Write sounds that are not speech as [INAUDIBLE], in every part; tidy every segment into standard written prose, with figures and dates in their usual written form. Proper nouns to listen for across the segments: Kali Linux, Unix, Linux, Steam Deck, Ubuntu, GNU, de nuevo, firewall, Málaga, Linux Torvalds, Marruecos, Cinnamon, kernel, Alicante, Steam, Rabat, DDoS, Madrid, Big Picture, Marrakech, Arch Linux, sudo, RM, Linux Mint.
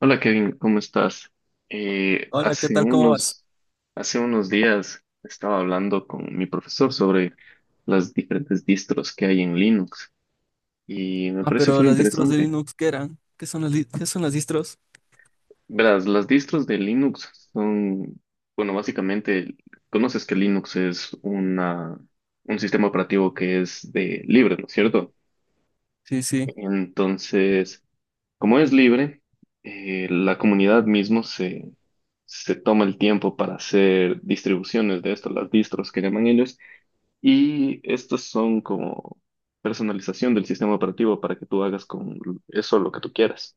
Hola Kevin, ¿cómo estás? Eh, Hola, ¿qué hace tal? ¿Cómo vas? unos, hace unos días estaba hablando con mi profesor sobre las diferentes distros que hay en Linux y me Ah, parece pero muy las distros de interesante. Linux, ¿qué eran? ¿Qué son las, qué son las distros? Verás, las distros de Linux son, bueno, básicamente, conoces que Linux es una, un sistema operativo que es de libre, ¿no es cierto? Sí, sí. Entonces... Como es libre, la comunidad mismo se toma el tiempo para hacer distribuciones de esto, las distros que llaman ellos, y estos son como personalización del sistema operativo para que tú hagas con eso lo que tú quieras.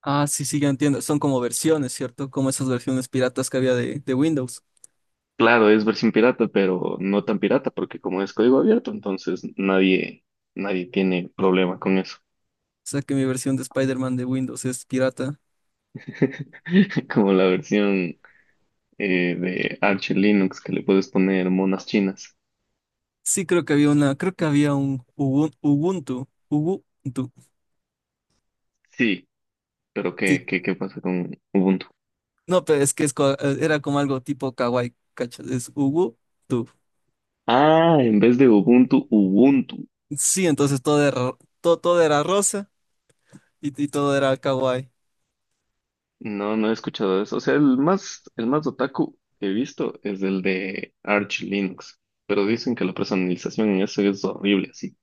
Ah, sí, sí, ya entiendo. Son como versiones, ¿cierto? Como esas versiones piratas que había de Windows. Claro, es versión pirata, pero no tan pirata, porque como es código abierto, entonces nadie, nadie tiene problema con eso. O sea que mi versión de Spider-Man de Windows es pirata. [LAUGHS] Como la versión de Arch Linux que le puedes poner monas chinas. Sí, creo que había una, creo que había un Ubuntu. Ubuntu. Sí, pero ¿qué, Sí. qué, qué pasa con Ubuntu? No, pero es que era como algo tipo kawaii, ¿cachas? Es Ubuntu. Ah, en vez de Ubuntu, Ubuntu. Sí, entonces todo era rosa y todo era kawaii. No, no he escuchado eso. O sea, el más otaku que he visto es el de Arch Linux. Pero dicen que la personalización en eso es horrible, así.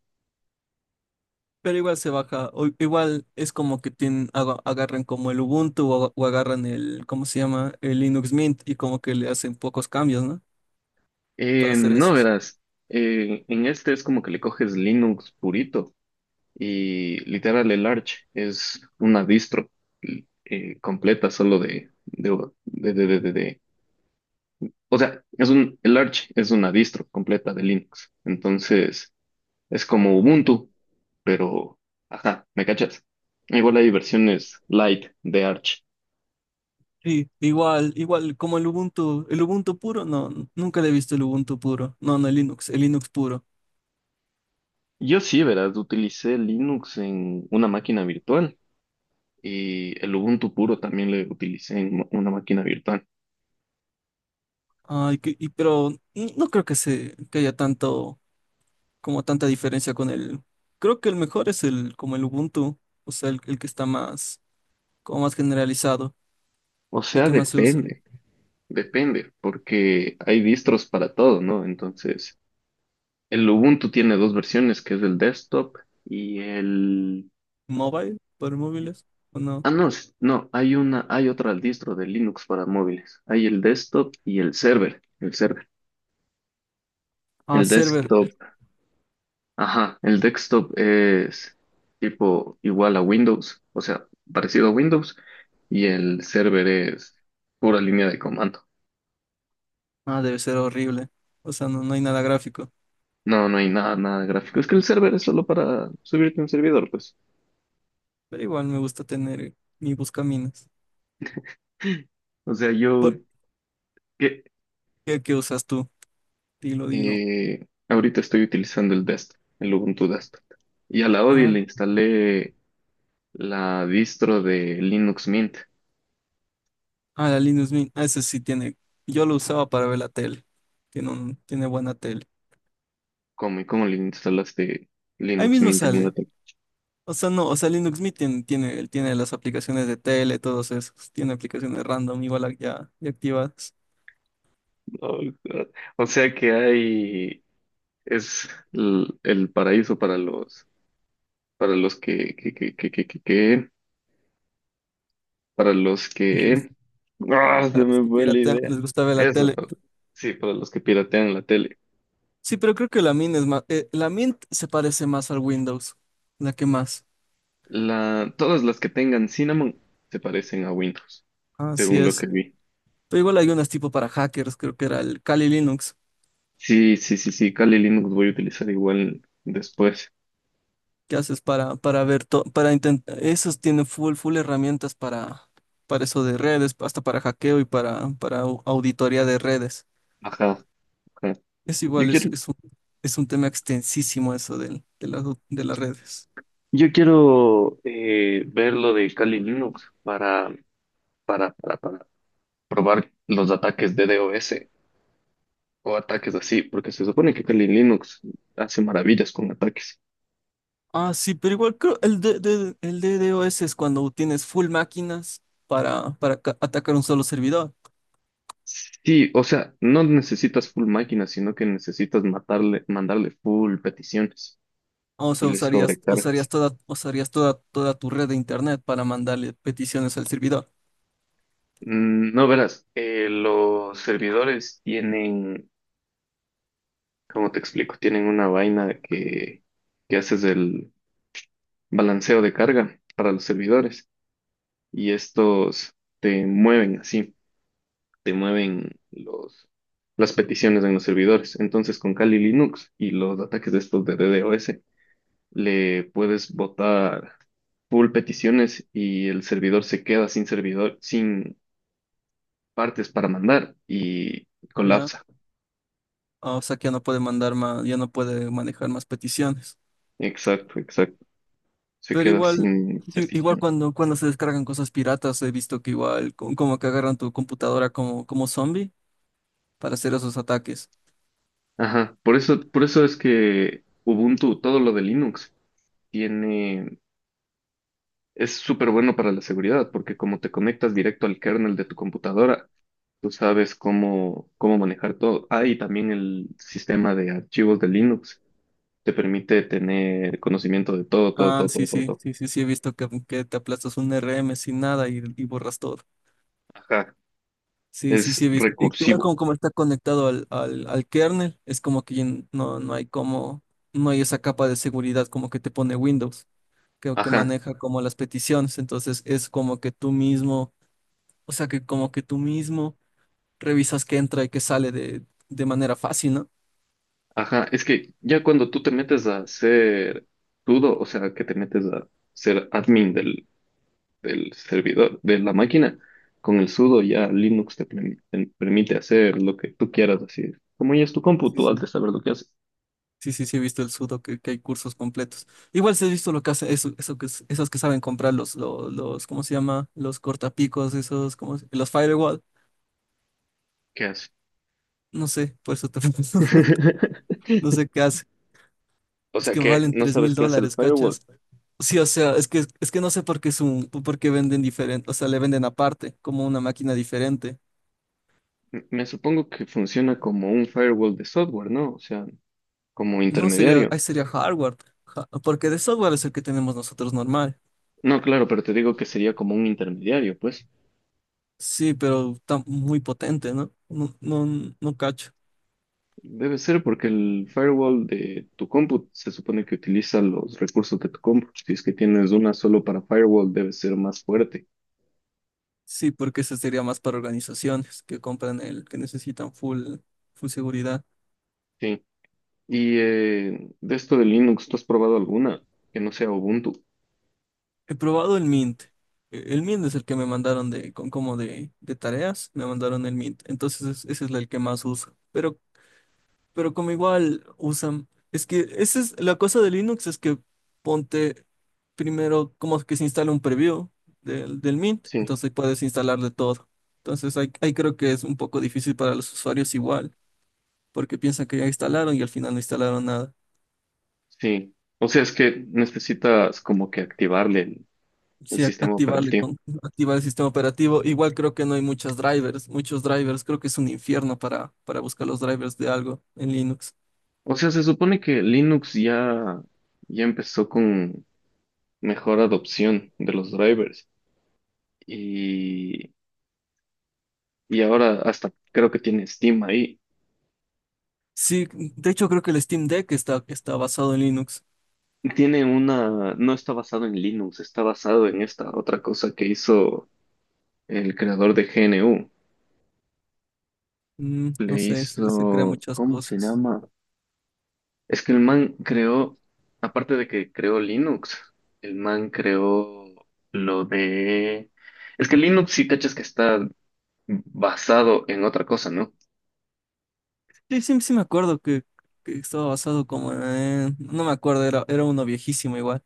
Pero igual se baja, o igual es como que tienen, agarran como el Ubuntu o agarran el, ¿cómo se llama? El Linux Mint y como que le hacen pocos cambios, ¿no? Para hacer No, eso. verás. En este es como que le coges Linux purito. Y literal, el Arch es una distro completa solo de O sea, el Arch es una distro completa de Linux. Entonces, es como Ubuntu, pero, ajá, ¿me cachas? Igual hay versiones light de Arch. Sí, igual, igual como el Ubuntu puro, no, nunca le he visto el Ubuntu puro, no, no, el Linux puro. Yo sí, verás, utilicé Linux en una máquina virtual y el Ubuntu puro también lo utilicé en una máquina virtual. Ay, pero no creo que que haya tanto, como tanta diferencia con el, creo que el mejor es el, como el Ubuntu, o sea, el que está más, como más generalizado, O el sea, que más se usa. depende, depende, porque hay distros para todo, ¿no? Entonces, el Ubuntu tiene dos versiones, que es el desktop y el Mobile, por móviles, o no. Ah, no, no, hay una, hay otra al distro de Linux para móviles. Hay el desktop y el server, el server. Ah, El server. desktop, ajá, el desktop es tipo igual a Windows, o sea, parecido a Windows, y el server es pura línea de comando. Ah, debe ser horrible. O sea, no, no hay nada gráfico. No, no hay nada, nada de gráfico. Es que el server es solo para subirte un servidor, pues. Pero igual me gusta tener mi buscaminas. O sea, yo ¿Por que qué, qué usas tú? Dilo, dilo. Ahorita estoy utilizando el desktop, el Ubuntu desktop. Y a la Odi Ah, le instalé la distro de Linux Mint. ah, la Linux Mint. Ah, ese sí tiene. Yo lo usaba para ver la tele. Tiene un, tiene buena tele. ¿Cómo y cómo le instalaste Ahí Linux mismo Mint en una sale. O sea, no, o sea, Linux Mint tiene las aplicaciones de tele, todos esos. Tiene aplicaciones random, igual ya, ya activadas. computadora? O sea que hay, es paraíso para los que, para los que, [LAUGHS] ¡ah! Se Para los me que fue la piratean, idea. les gusta ver la Eso, tele. para- sí, para los que piratean la tele. Sí, pero creo que la Mint es más. La Mint se parece más al Windows. La que más. La, todas las que tengan Cinnamon se parecen a Windows, Así según lo que es. vi. Pero igual hay unas tipo para hackers, creo que era el Kali Linux, Sí, sí, sí, sí, Kali Linux voy a utilizar igual después. que haces para ver todo, para intentar. Esos tienen full, full herramientas para eso de redes, hasta para hackeo y para, auditoría de redes. Ajá. Ajá. Es Yo igual, quiero, es un tema extensísimo eso de las redes. yo quiero ver lo de Kali Linux para probar los ataques de DOS o ataques así, porque se supone que Kali Linux hace maravillas con ataques. Ah, sí, pero igual creo el, el DDoS es cuando tienes full máquinas para, atacar un solo servidor. Sí, o sea, no necesitas full máquina, sino que necesitas matarle, mandarle full peticiones O y sea, les usarías, usarías sobrecargas. toda, usarías toda, toda tu red de internet para mandarle peticiones al servidor. Mm, no verás, los servidores tienen, ¿cómo te explico? Tienen una vaina que haces el balanceo de carga para los servidores y estos te mueven así, te mueven los, las peticiones en los servidores. Entonces, con Kali Linux y los ataques de estos de DDoS, le puedes botar full peticiones y el servidor se queda sin servidor, sin partes para mandar y Ya, colapsa. o sea que ya no puede mandar más, ya no puede manejar más peticiones. Exacto, exacto. Se Pero queda igual, sin sí, igual petición. cuando, cuando se descargan cosas piratas, he visto que igual, como que agarran tu computadora como, como zombie para hacer esos ataques. Ajá, por eso es que Ubuntu, todo lo de Linux, tiene Es súper bueno para la seguridad, porque como te conectas directo al kernel de tu computadora, tú sabes cómo, cómo manejar todo. Ah, y también el sistema de archivos de Linux te permite tener conocimiento de todo, todo, Ah, todo, sí, todo, todo, sí, todo. sí, sí, sí, he visto que te aplastas un RM sin nada y borras todo. Ajá, Sí, sí, sí, es he visto. Y igual recursivo. como, como está conectado al kernel, es como que ya no, no hay como, no hay esa capa de seguridad como que te pone Windows, que Ajá, maneja como las peticiones, entonces es como que tú mismo, o sea que como que tú mismo revisas qué entra y qué sale de manera fácil, ¿no? ajá. Es que ya cuando tú te metes a ser sudo, o sea, que te metes a ser admin del servidor, de la máquina, con el sudo ya Linux te permite hacer lo que tú quieras, así. Como ya es tu compu, Sí, tú has sí. de saber lo que hace. Sí, sí, sí, he visto el sudo, que hay cursos completos. Igual sí he visto lo que hace, eso que, esos que saben comprar los, los, ¿cómo se llama? Los cortapicos, esos, como los firewall, ¿Qué hace? no sé, por eso te [LAUGHS] pregunto. No [LAUGHS] sé qué hace. O Es sea que que valen no tres sabes mil qué hace el dólares, firewall. ¿cachas? Sí, o sea, es que no sé por qué, es un, por qué venden diferente, o sea, le venden aparte, como una máquina diferente. Me supongo que funciona como un firewall de software, ¿no? O sea, como No, sería, intermediario. ahí sería hardware, porque de software es el que tenemos nosotros normal. No, claro, pero te digo que sería como un intermediario, pues. Sí, pero está muy potente, ¿no? No, no, no cacho. Debe ser porque el firewall de tu compu se supone que utiliza los recursos de tu compu. Si es que tienes una solo para firewall, debe ser más fuerte. Sí, porque ese sería más para organizaciones que compran el que necesitan full, full seguridad. Sí. Y de esto de Linux, ¿tú has probado alguna que no sea Ubuntu? He probado el Mint. El Mint es el que me mandaron de, con, como de tareas, me mandaron el Mint. Entonces ese es el que más uso. Pero como igual usan, es que esa es la cosa de Linux, es que ponte primero como que se instala un preview del Mint, Sí, entonces puedes instalarle todo. Entonces ahí, ahí creo que es un poco difícil para los usuarios igual, porque piensan que ya instalaron y al final no instalaron nada. sí. O sea, es que necesitas como que activarle el Sí, sistema activarle operativo. con, activar el sistema operativo. Igual creo que no hay muchas drivers, muchos drivers. Creo que es un infierno para buscar los drivers de algo en Linux. O sea, se supone que Linux ya, ya empezó con mejor adopción de los drivers y, y ahora hasta creo que tiene Steam ahí. Sí, de hecho creo que el Steam Deck está, está basado en Linux. Tiene una, no está basado en Linux, está basado en esta otra cosa que hizo el creador de GNU. Mm, no Le sé, sí, se crean hizo, muchas ¿cómo se cosas. llama? Es que el man creó, aparte de que creó Linux, el man creó lo de... Es que Linux sí cachas que está basado en otra cosa, ¿no? Sí, sí, sí me acuerdo que estaba basado como en... No me acuerdo, era, era uno viejísimo igual,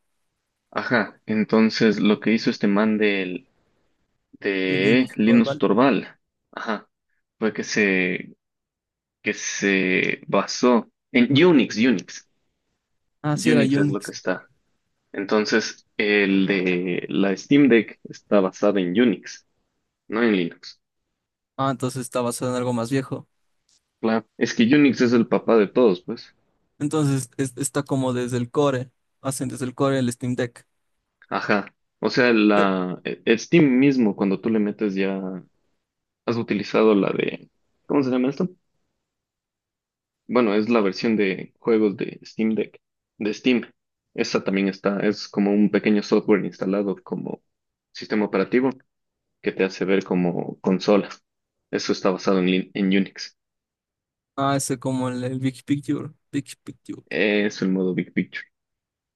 Ajá, entonces lo que hizo este man del, de de Linux Linux Torvald. Torvald, ajá, fue que que se basó en Unix, Unix. Ah, sí, era Unix es lo que Unix. está. Entonces, el de la Steam Deck está basada en Unix, no en Linux. Ah, entonces está basado en algo más viejo. Claro, es que Unix es el papá de todos, pues. Entonces está como desde el core, hacen desde el core el Steam Deck. Ajá. O sea, la Steam mismo, cuando tú le metes ya, has utilizado la de, ¿cómo se llama esto? Bueno, es la versión de juegos de Steam Deck, de Steam. Esa también está, es como un pequeño software instalado como sistema operativo que te hace ver como consola. Eso está basado en, en Unix. Ah, ese como el Big Picture, Big Picture. Es el modo Big Picture.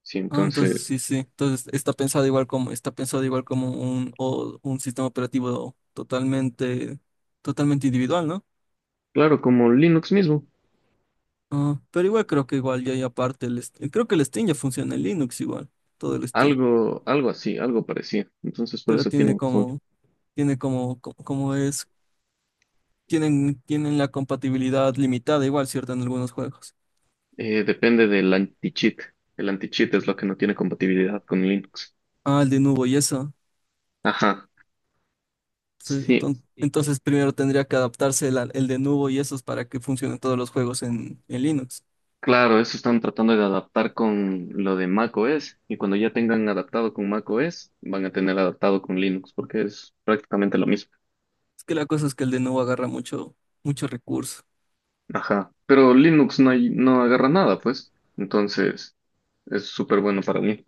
Sí, Ah, entonces entonces, sí, sí. Entonces está pensado igual como, está pensado igual como un, un sistema operativo totalmente, totalmente individual, ¿no? claro, como Linux mismo. Ah, pero igual creo que igual ya hay aparte el Steam. Creo que el Steam ya funciona en Linux igual, todo el Steam. Algo, algo así, algo parecido. Entonces, por Pero eso tiene un full. Tiene como, tienen, tienen la compatibilidad limitada igual, ¿cierto? En algunos juegos. Depende del anti-cheat. El anti-cheat es lo que no tiene compatibilidad con Linux. Ah, el de nuevo y eso. Ajá. Sí, Sí, entonces, primero tendría que adaptarse el de nuevo y esos para que funcionen todos los juegos en Linux. claro, eso están tratando de adaptar con lo de macOS. Y cuando ya tengan adaptado con macOS, van a tener adaptado con Linux, porque es prácticamente lo mismo. Es que la cosa es que el de nuevo agarra mucho, mucho recurso. Ajá. Pero Linux no, no agarra nada, pues. Entonces, es súper bueno para mí.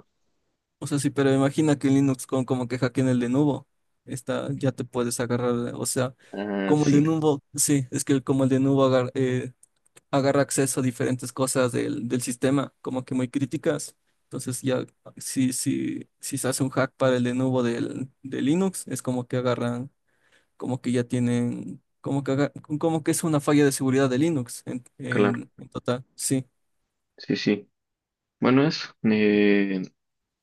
O sea, sí, pero imagina que en Linux con como que hackeen el de nuevo, está, ya te puedes agarrar, o sea, Ah, como el sí, de nuevo, sí, es que como el de nuevo agarra acceso a diferentes cosas del sistema, como que muy críticas. Entonces ya, si se hace un hack para el de nuevo de Linux, es como que agarran como que ya tienen, como que es una falla de seguridad de Linux en, claro. en en total. Sí. Sí, sí. Bueno, eso.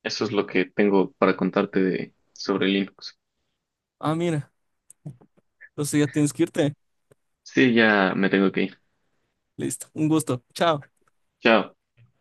Eso es lo que tengo para contarte de, sobre Linux. Ah, mira, entonces ya tienes que irte. Sí, ya me tengo que ir. Listo, un gusto. Chao. Chao.